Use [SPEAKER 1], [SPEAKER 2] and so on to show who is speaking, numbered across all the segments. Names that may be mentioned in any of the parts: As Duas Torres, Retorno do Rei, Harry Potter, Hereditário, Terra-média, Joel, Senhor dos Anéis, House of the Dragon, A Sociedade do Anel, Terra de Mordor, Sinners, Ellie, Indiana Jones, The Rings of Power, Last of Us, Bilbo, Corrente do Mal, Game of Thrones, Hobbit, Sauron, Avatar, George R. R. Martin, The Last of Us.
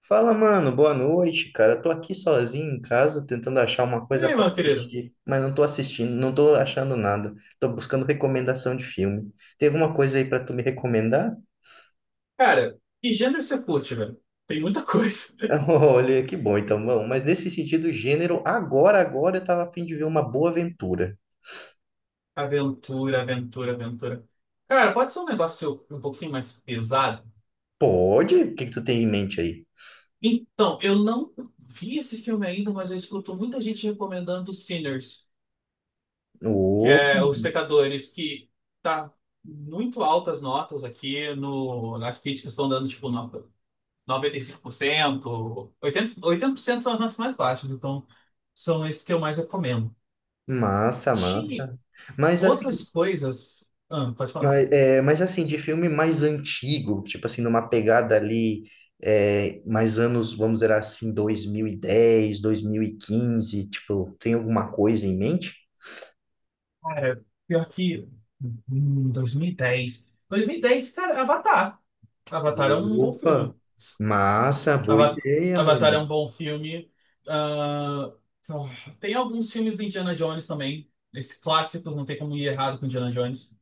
[SPEAKER 1] Fala, mano, boa noite, cara. Tô aqui sozinho em casa tentando achar uma coisa
[SPEAKER 2] Ei,
[SPEAKER 1] pra
[SPEAKER 2] meu querido.
[SPEAKER 1] assistir, mas não tô assistindo, não tô achando nada. Tô buscando recomendação de filme. Tem alguma coisa aí pra tu me recomendar?
[SPEAKER 2] Cara, que gênero você curte, velho? Tem muita coisa.
[SPEAKER 1] Olha, que bom então, mano. Mas nesse sentido, gênero, agora eu tava a fim de ver uma boa aventura.
[SPEAKER 2] Aventura, aventura, aventura. Cara, pode ser um negócio um pouquinho mais pesado?
[SPEAKER 1] Pode? O que que tu tem em mente aí?
[SPEAKER 2] Então, eu não vi esse filme ainda, mas eu escuto muita gente recomendando Sinners, que
[SPEAKER 1] Ô,
[SPEAKER 2] é Os Pecadores, que tá muito altas notas aqui no, nas críticas estão dando tipo nota 95%, 80%, 80% são as notas mais baixas, então são esses que eu mais recomendo.
[SPEAKER 1] massa,
[SPEAKER 2] Tinha
[SPEAKER 1] massa. Mas
[SPEAKER 2] outras
[SPEAKER 1] assim,
[SPEAKER 2] coisas. Ah, pode falar.
[SPEAKER 1] mas assim, de filme mais antigo, tipo assim, numa pegada ali, mais anos, vamos dizer assim, dois mil e dez, 2015 tipo, tem alguma coisa em mente?
[SPEAKER 2] Cara, pior que. 2010. Dez 2010, cara, Avatar. Avatar é um bom
[SPEAKER 1] Opa,
[SPEAKER 2] filme.
[SPEAKER 1] massa, boa
[SPEAKER 2] Ava-
[SPEAKER 1] ideia,
[SPEAKER 2] Avatar é um
[SPEAKER 1] mano.
[SPEAKER 2] bom filme. Ah, ah, tem alguns filmes do Indiana Jones também. Esses clássicos, não tem como ir errado com Indiana Jones.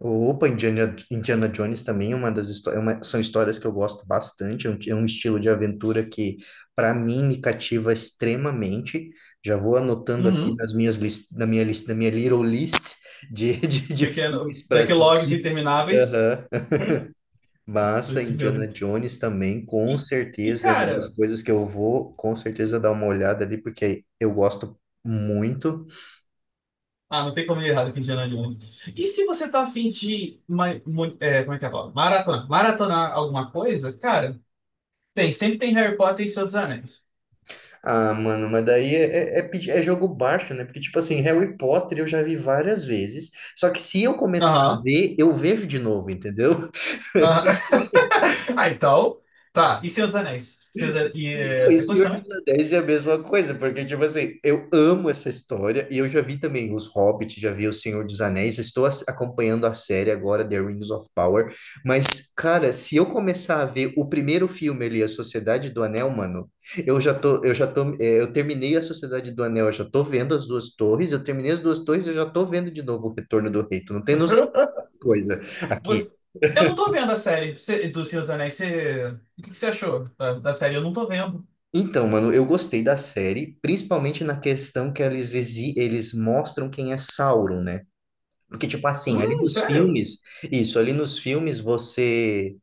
[SPEAKER 1] Opa, Indiana Jones também é uma das histórias, são histórias que eu gosto bastante, é um estilo de aventura que, para mim, me cativa extremamente. Já vou anotando aqui
[SPEAKER 2] Uhum.
[SPEAKER 1] na minha lista, na minha little list de, de
[SPEAKER 2] Pequeno,
[SPEAKER 1] filmes para
[SPEAKER 2] backlogs
[SPEAKER 1] assistir.
[SPEAKER 2] intermináveis.
[SPEAKER 1] Aham. Massa,
[SPEAKER 2] Tem que ver.
[SPEAKER 1] Indiana Jones também,
[SPEAKER 2] E,
[SPEAKER 1] com
[SPEAKER 2] e,
[SPEAKER 1] certeza, é uma das
[SPEAKER 2] cara.
[SPEAKER 1] coisas que eu vou, com certeza, dar uma olhada ali, porque eu gosto muito.
[SPEAKER 2] Ah, não tem como ir errado com Indiana Jones. E se você tá afim de, como é que é a palavra? Maratonar. Maratonar alguma coisa, cara, tem. Sempre tem Harry Potter e Senhor dos Anéis.
[SPEAKER 1] Ah, mano, mas daí é jogo baixo, né? Porque, tipo assim, Harry Potter eu já vi várias vezes. Só que se eu começar a
[SPEAKER 2] Aham.
[SPEAKER 1] ver, eu vejo de novo, entendeu?
[SPEAKER 2] Aham. Ah, então. Tá. E Senhor dos Anéis? E
[SPEAKER 1] E, não, e
[SPEAKER 2] você curte
[SPEAKER 1] Senhor
[SPEAKER 2] também?
[SPEAKER 1] dos Anéis é a mesma coisa, porque, tipo assim, eu amo essa história e eu já vi também os Hobbit, já vi o Senhor dos Anéis, estou acompanhando a série agora, The Rings of Power, mas, cara, se eu começar a ver o primeiro filme ali, A Sociedade do Anel, mano, eu já tô, é, eu terminei A Sociedade do Anel, eu já tô vendo As Duas Torres, eu terminei As Duas Torres, eu já tô vendo de novo o Retorno do Rei, tu não tem noção de coisa aqui.
[SPEAKER 2] Você- Eu não tô vendo a série do Senhor dos Anéis. O que que você achou da série? Eu não tô vendo.
[SPEAKER 1] Então, mano, eu gostei da série, principalmente na questão que eles mostram quem é Sauron, né? Porque, tipo assim, ali nos
[SPEAKER 2] Sério?
[SPEAKER 1] filmes, isso, ali nos filmes você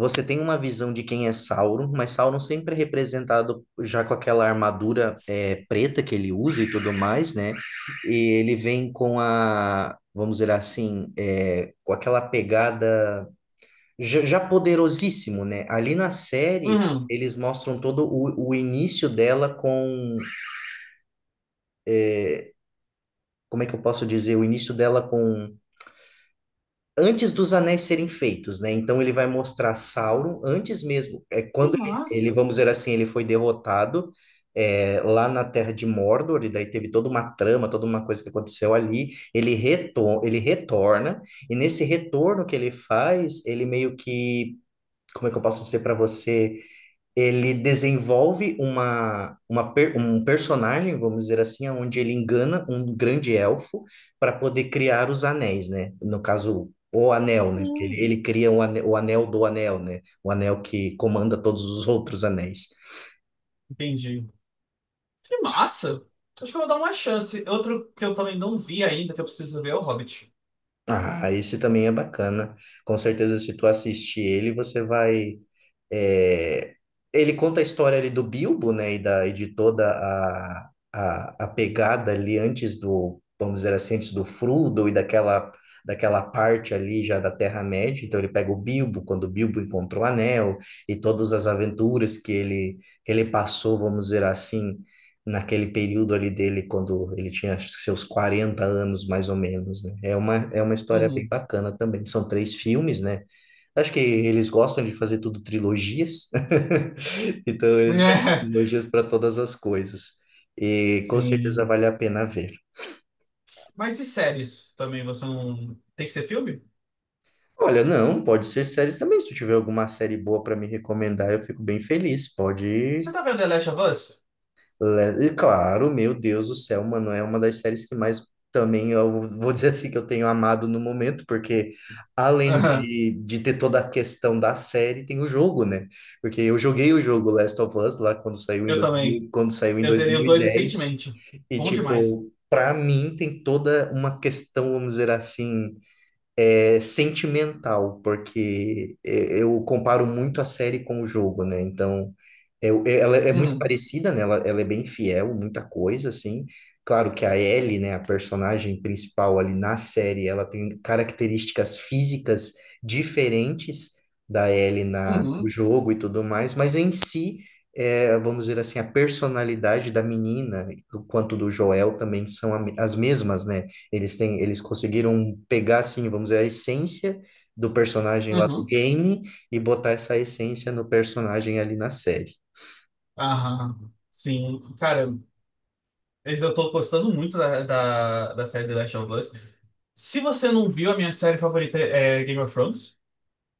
[SPEAKER 1] você tem uma visão de quem é Sauron, mas Sauron sempre é representado já com aquela armadura preta que ele usa e tudo mais, né? E ele vem com a, vamos dizer assim, com aquela pegada já poderosíssimo, né? Ali na série,
[SPEAKER 2] Uhum.
[SPEAKER 1] eles mostram todo o início dela com. Como é que eu posso dizer? O início dela com. Antes dos anéis serem feitos, né? Então ele vai mostrar Sauron antes mesmo. É
[SPEAKER 2] Que
[SPEAKER 1] quando
[SPEAKER 2] massa.
[SPEAKER 1] vamos dizer assim, ele foi derrotado lá na Terra de Mordor, e daí teve toda uma trama, toda uma coisa que aconteceu ali. Ele retorna, e nesse retorno que ele faz, ele meio que. Como é que eu posso dizer para você? Ele desenvolve um personagem, vamos dizer assim, onde ele engana um grande elfo para poder criar os anéis, né? No caso, o anel, né? Porque Ele,
[SPEAKER 2] Hum,
[SPEAKER 1] ele cria o anel, do anel, né? O anel que comanda todos os outros anéis.
[SPEAKER 2] entendi. Que massa! Acho que eu vou dar uma chance. Outro que eu também não vi ainda, que eu preciso ver, é o Hobbit.
[SPEAKER 1] Ah, esse também é bacana. Com certeza, se tu assistir ele, você vai. é, Ele conta a história ali do Bilbo, né? E de toda a pegada ali antes do, vamos dizer assim, antes do Frodo e daquela parte ali já da Terra-média. Então ele pega o Bilbo, quando o Bilbo encontrou o Anel, e todas as aventuras que ele passou, vamos dizer assim, naquele período ali dele, quando ele tinha acho que seus 40 anos, mais ou menos, né? É uma história bem
[SPEAKER 2] Uhum.
[SPEAKER 1] bacana também. São três filmes, né? Acho que eles gostam de fazer tudo trilogias, então eles fazem
[SPEAKER 2] É,
[SPEAKER 1] trilogias para todas as coisas. E com certeza
[SPEAKER 2] sim.
[SPEAKER 1] vale a pena ver.
[SPEAKER 2] Mas e séries também? Você não. Tem que ser filme?
[SPEAKER 1] Olha, não, pode ser séries também. Se tu tiver alguma série boa para me recomendar, eu fico bem feliz.
[SPEAKER 2] Você
[SPEAKER 1] Pode
[SPEAKER 2] tá vendo The Last of Us?
[SPEAKER 1] E claro, meu Deus do céu, mano, é uma das séries que mais também eu vou dizer assim que eu tenho amado no momento, porque além
[SPEAKER 2] Aham.
[SPEAKER 1] de ter toda a questão da série, tem o jogo, né? Porque eu joguei o jogo Last of Us lá
[SPEAKER 2] Eu também.
[SPEAKER 1] quando saiu em
[SPEAKER 2] Eu zerei
[SPEAKER 1] 2010
[SPEAKER 2] o dois recentemente.
[SPEAKER 1] e dez, e
[SPEAKER 2] Bom demais.
[SPEAKER 1] tipo, para mim tem toda uma questão, vamos dizer assim, é sentimental, porque é, eu comparo muito a série com o jogo, né? Então, ela é muito
[SPEAKER 2] Uhum.
[SPEAKER 1] parecida, né? Ela é bem fiel, muita coisa, assim. Claro que a Ellie, né, a personagem principal ali na série, ela tem características físicas diferentes da Ellie no
[SPEAKER 2] Uhum.
[SPEAKER 1] jogo e tudo mais, mas em si, vamos dizer assim, a personalidade da menina, quanto do Joel também são as mesmas, né? Eles conseguiram pegar, assim, vamos dizer, a essência do personagem lá do
[SPEAKER 2] Uhum.
[SPEAKER 1] game e botar essa essência no personagem ali na série.
[SPEAKER 2] Aham. Sim. Cara, eu tô gostando muito da série The Last of Us. Se você não viu, a minha série favorita é Game of Thrones.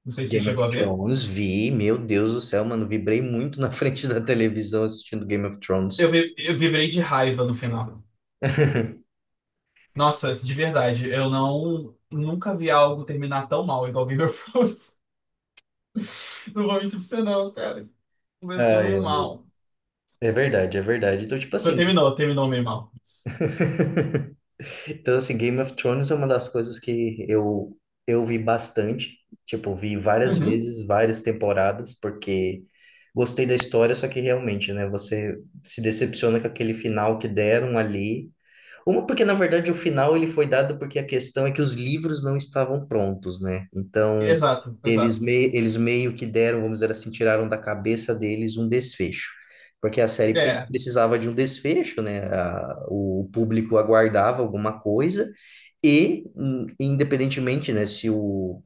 [SPEAKER 2] Não sei se você
[SPEAKER 1] Game of
[SPEAKER 2] chegou a ver.
[SPEAKER 1] Thrones, vi, meu Deus do céu, mano, vibrei muito na frente da televisão assistindo Game of
[SPEAKER 2] Eu,
[SPEAKER 1] Thrones.
[SPEAKER 2] vi- eu vibrei de raiva no final. Nossa, de verdade, eu não nunca vi algo terminar tão mal igual Game of Thrones. Não vou mentir pra você não, cara. Começou
[SPEAKER 1] Ai,
[SPEAKER 2] meio
[SPEAKER 1] ai.
[SPEAKER 2] mal.
[SPEAKER 1] É verdade, é verdade. Então, tipo assim,
[SPEAKER 2] Terminou, meio mal.
[SPEAKER 1] Então, assim, Game of Thrones é uma das coisas que eu vi bastante. Tipo, vi várias
[SPEAKER 2] Uhum.
[SPEAKER 1] vezes, várias temporadas, porque gostei da história, só que realmente, né, você se decepciona com aquele final que deram ali. Uma porque, na verdade, o final ele foi dado porque a questão é que os livros não estavam prontos, né? Então,
[SPEAKER 2] Exato,
[SPEAKER 1] eles,
[SPEAKER 2] exato.
[SPEAKER 1] me, eles meio que deram, vamos dizer assim, tiraram da cabeça deles um desfecho. Porque a série
[SPEAKER 2] É.
[SPEAKER 1] precisava de um desfecho, né? A- o público aguardava alguma coisa e, independentemente, né, se o,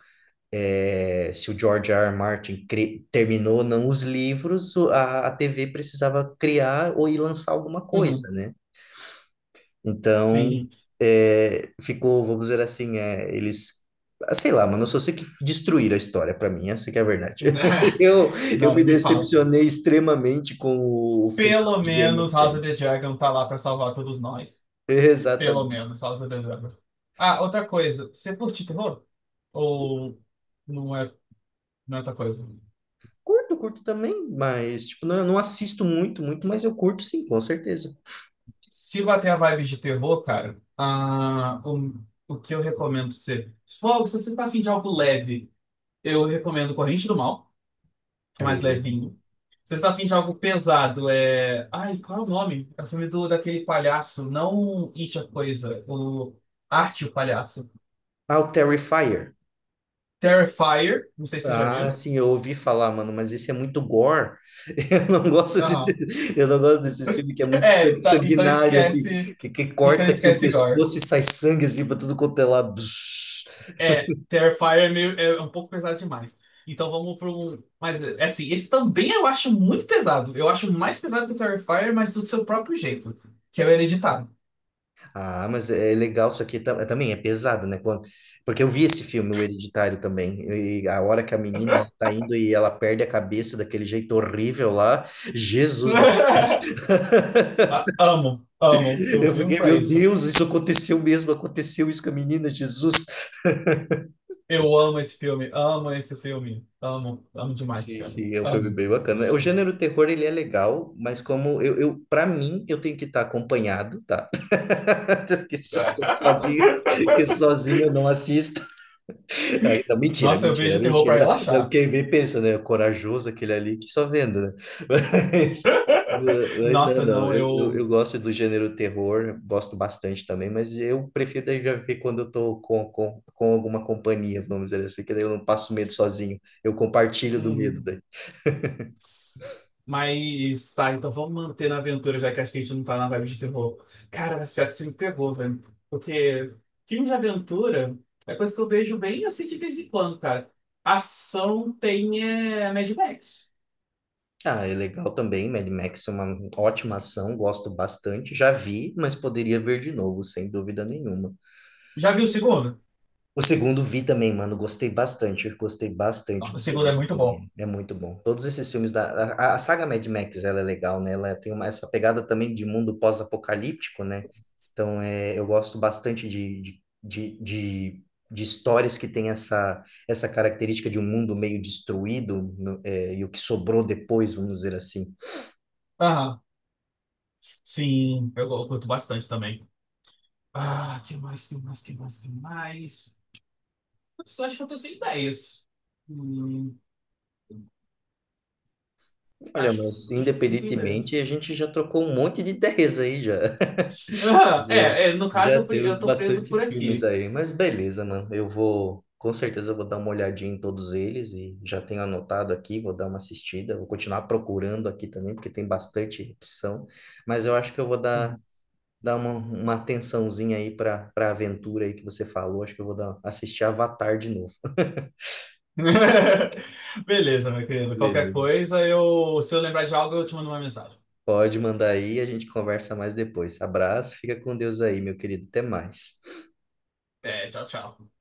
[SPEAKER 1] eh, se o George R. R. Martin terminou ou não os livros, a TV precisava criar ou ir lançar alguma coisa,
[SPEAKER 2] Uhum.
[SPEAKER 1] né? Então,
[SPEAKER 2] Sim.
[SPEAKER 1] ficou, vamos dizer assim, sei lá, mano, eu só sei que destruíram a história pra mim, essa que é a verdade. Eu, eu
[SPEAKER 2] Não,
[SPEAKER 1] me
[SPEAKER 2] nem me fala.
[SPEAKER 1] decepcionei extremamente com o final
[SPEAKER 2] Pelo
[SPEAKER 1] de Game of
[SPEAKER 2] menos House of the
[SPEAKER 1] Thrones.
[SPEAKER 2] Dragon tá lá pra salvar todos nós. Pelo
[SPEAKER 1] Exatamente.
[SPEAKER 2] menos House of the Dragon. Ah, outra coisa. Você curte terror? Ou não é, não é outra coisa?
[SPEAKER 1] Curto, curto também, mas, tipo, não, eu não assisto muito, muito, mas eu curto sim, com certeza.
[SPEAKER 2] Se bater a vibe de terror, cara, o que eu recomendo ser. Se você tá afim de algo leve, eu recomendo Corrente do Mal, que é mais
[SPEAKER 1] O-
[SPEAKER 2] levinho. Se você tá afim de algo pesado. Ai, qual é o nome? É o filme daquele palhaço, não It a Coisa, o Arte o Palhaço.
[SPEAKER 1] Ah, o Terrifier.
[SPEAKER 2] Terrifier, não sei se você já
[SPEAKER 1] Ah,
[SPEAKER 2] viu.
[SPEAKER 1] sim, eu ouvi falar, mano, mas esse é muito gore. Eu não gosto de,
[SPEAKER 2] Aham.
[SPEAKER 1] eu não gosto desse filme que é muito
[SPEAKER 2] É, então
[SPEAKER 1] sanguinário, assim,
[SPEAKER 2] esquece.
[SPEAKER 1] que
[SPEAKER 2] Então
[SPEAKER 1] corta aqui o
[SPEAKER 2] esquece Gore.
[SPEAKER 1] pescoço e sai sangue, assim, pra tudo quanto é lado. Bzz.
[SPEAKER 2] É, Terrifier é, meio, um pouco pesado demais. Então vamos para um. Mas é, assim, esse também eu acho muito pesado. Eu acho mais pesado que o Terrifier, mas do seu próprio jeito, que é o Hereditário.
[SPEAKER 1] Ah, mas é legal, isso aqui também é pesado, né? Quando- porque eu vi esse filme, O Hereditário, também. E a hora que a menina ela tá indo e ela perde a cabeça daquele jeito horrível lá, Jesus,
[SPEAKER 2] Ah, amo, amo. Eu
[SPEAKER 1] eu
[SPEAKER 2] vivo
[SPEAKER 1] fiquei,
[SPEAKER 2] pra
[SPEAKER 1] meu
[SPEAKER 2] isso.
[SPEAKER 1] Deus, isso aconteceu mesmo, aconteceu isso com a menina, Jesus.
[SPEAKER 2] Eu amo esse filme, amo esse filme, amo, amo demais esse
[SPEAKER 1] Sim,
[SPEAKER 2] filme,
[SPEAKER 1] sim, é um filme
[SPEAKER 2] amo.
[SPEAKER 1] bem bacana. O gênero terror, ele é legal, mas como eu para mim, eu tenho que estar acompanhado, tá? Porque se eu sou sozinho, que sozinho eu não assisto. Aí, não, mentira,
[SPEAKER 2] Nossa, eu
[SPEAKER 1] mentira,
[SPEAKER 2] vejo terror pra
[SPEAKER 1] mentira. Não. Não,
[SPEAKER 2] relaxar.
[SPEAKER 1] quem vê pensa, né? Corajoso aquele ali que só vendo, né? Mas, mas não,
[SPEAKER 2] Nossa,
[SPEAKER 1] não.
[SPEAKER 2] não,
[SPEAKER 1] Eu, eu,
[SPEAKER 2] eu.
[SPEAKER 1] eu gosto do gênero terror, gosto bastante também, mas eu prefiro daí já ver quando eu tô com alguma companhia, vamos dizer assim, que daí eu não passo medo sozinho. Eu compartilho do medo.
[SPEAKER 2] hum, Mas tá, então vamos manter na aventura, já que acho que a gente não tá na vibe de terror. Cara, mas pior que você me pegou, velho. Porque filme de aventura é coisa que eu vejo bem assim de vez em quando, cara. Ação tem é, Mad Max.
[SPEAKER 1] Ah, é legal também. Mad Max é uma ótima ação, gosto bastante. Já vi, mas poderia ver de novo, sem dúvida nenhuma.
[SPEAKER 2] Já viu o segundo?
[SPEAKER 1] O segundo vi também, mano, gostei bastante. Gostei bastante
[SPEAKER 2] O
[SPEAKER 1] do
[SPEAKER 2] segundo é
[SPEAKER 1] segundo
[SPEAKER 2] muito bom.
[SPEAKER 1] também. É muito bom. Todos esses filmes da. A saga Mad Max, ela é legal, né? Ela tem uma, essa pegada também de mundo pós-apocalíptico, né? Então, é, eu gosto bastante de histórias que têm essa característica de um mundo meio destruído, e o que sobrou depois, vamos dizer assim.
[SPEAKER 2] Aham. Sim, eu curto bastante também. Ah, que mais, que mais, que mais, que mais? Putz, acho que eu tô sem ideias. Hum,
[SPEAKER 1] Olha, mas
[SPEAKER 2] acho que fiquei sem ideias.
[SPEAKER 1] independentemente, a gente já trocou um monte de ideias aí já.
[SPEAKER 2] Ah,
[SPEAKER 1] Já,
[SPEAKER 2] no caso eu,
[SPEAKER 1] já
[SPEAKER 2] pre-
[SPEAKER 1] temos
[SPEAKER 2] eu tô preso
[SPEAKER 1] bastante
[SPEAKER 2] por
[SPEAKER 1] filmes
[SPEAKER 2] aqui.
[SPEAKER 1] aí. Mas beleza, mano. Eu vou, com certeza, eu vou dar uma olhadinha em todos eles e já tenho anotado aqui, vou dar uma assistida. Vou continuar procurando aqui também, porque tem bastante opção. Mas eu acho que eu vou dar,
[SPEAKER 2] Uhum.
[SPEAKER 1] dar uma atençãozinha aí para a aventura aí que você falou. Acho que eu vou dar, assistir Avatar de novo.
[SPEAKER 2] Beleza, meu querido. Qualquer
[SPEAKER 1] Beleza.
[SPEAKER 2] coisa, se eu lembrar de algo, eu te mando uma mensagem.
[SPEAKER 1] Pode mandar aí, a gente conversa mais depois. Abraço, fica com Deus aí, meu querido. Até mais.
[SPEAKER 2] É, tchau, tchau.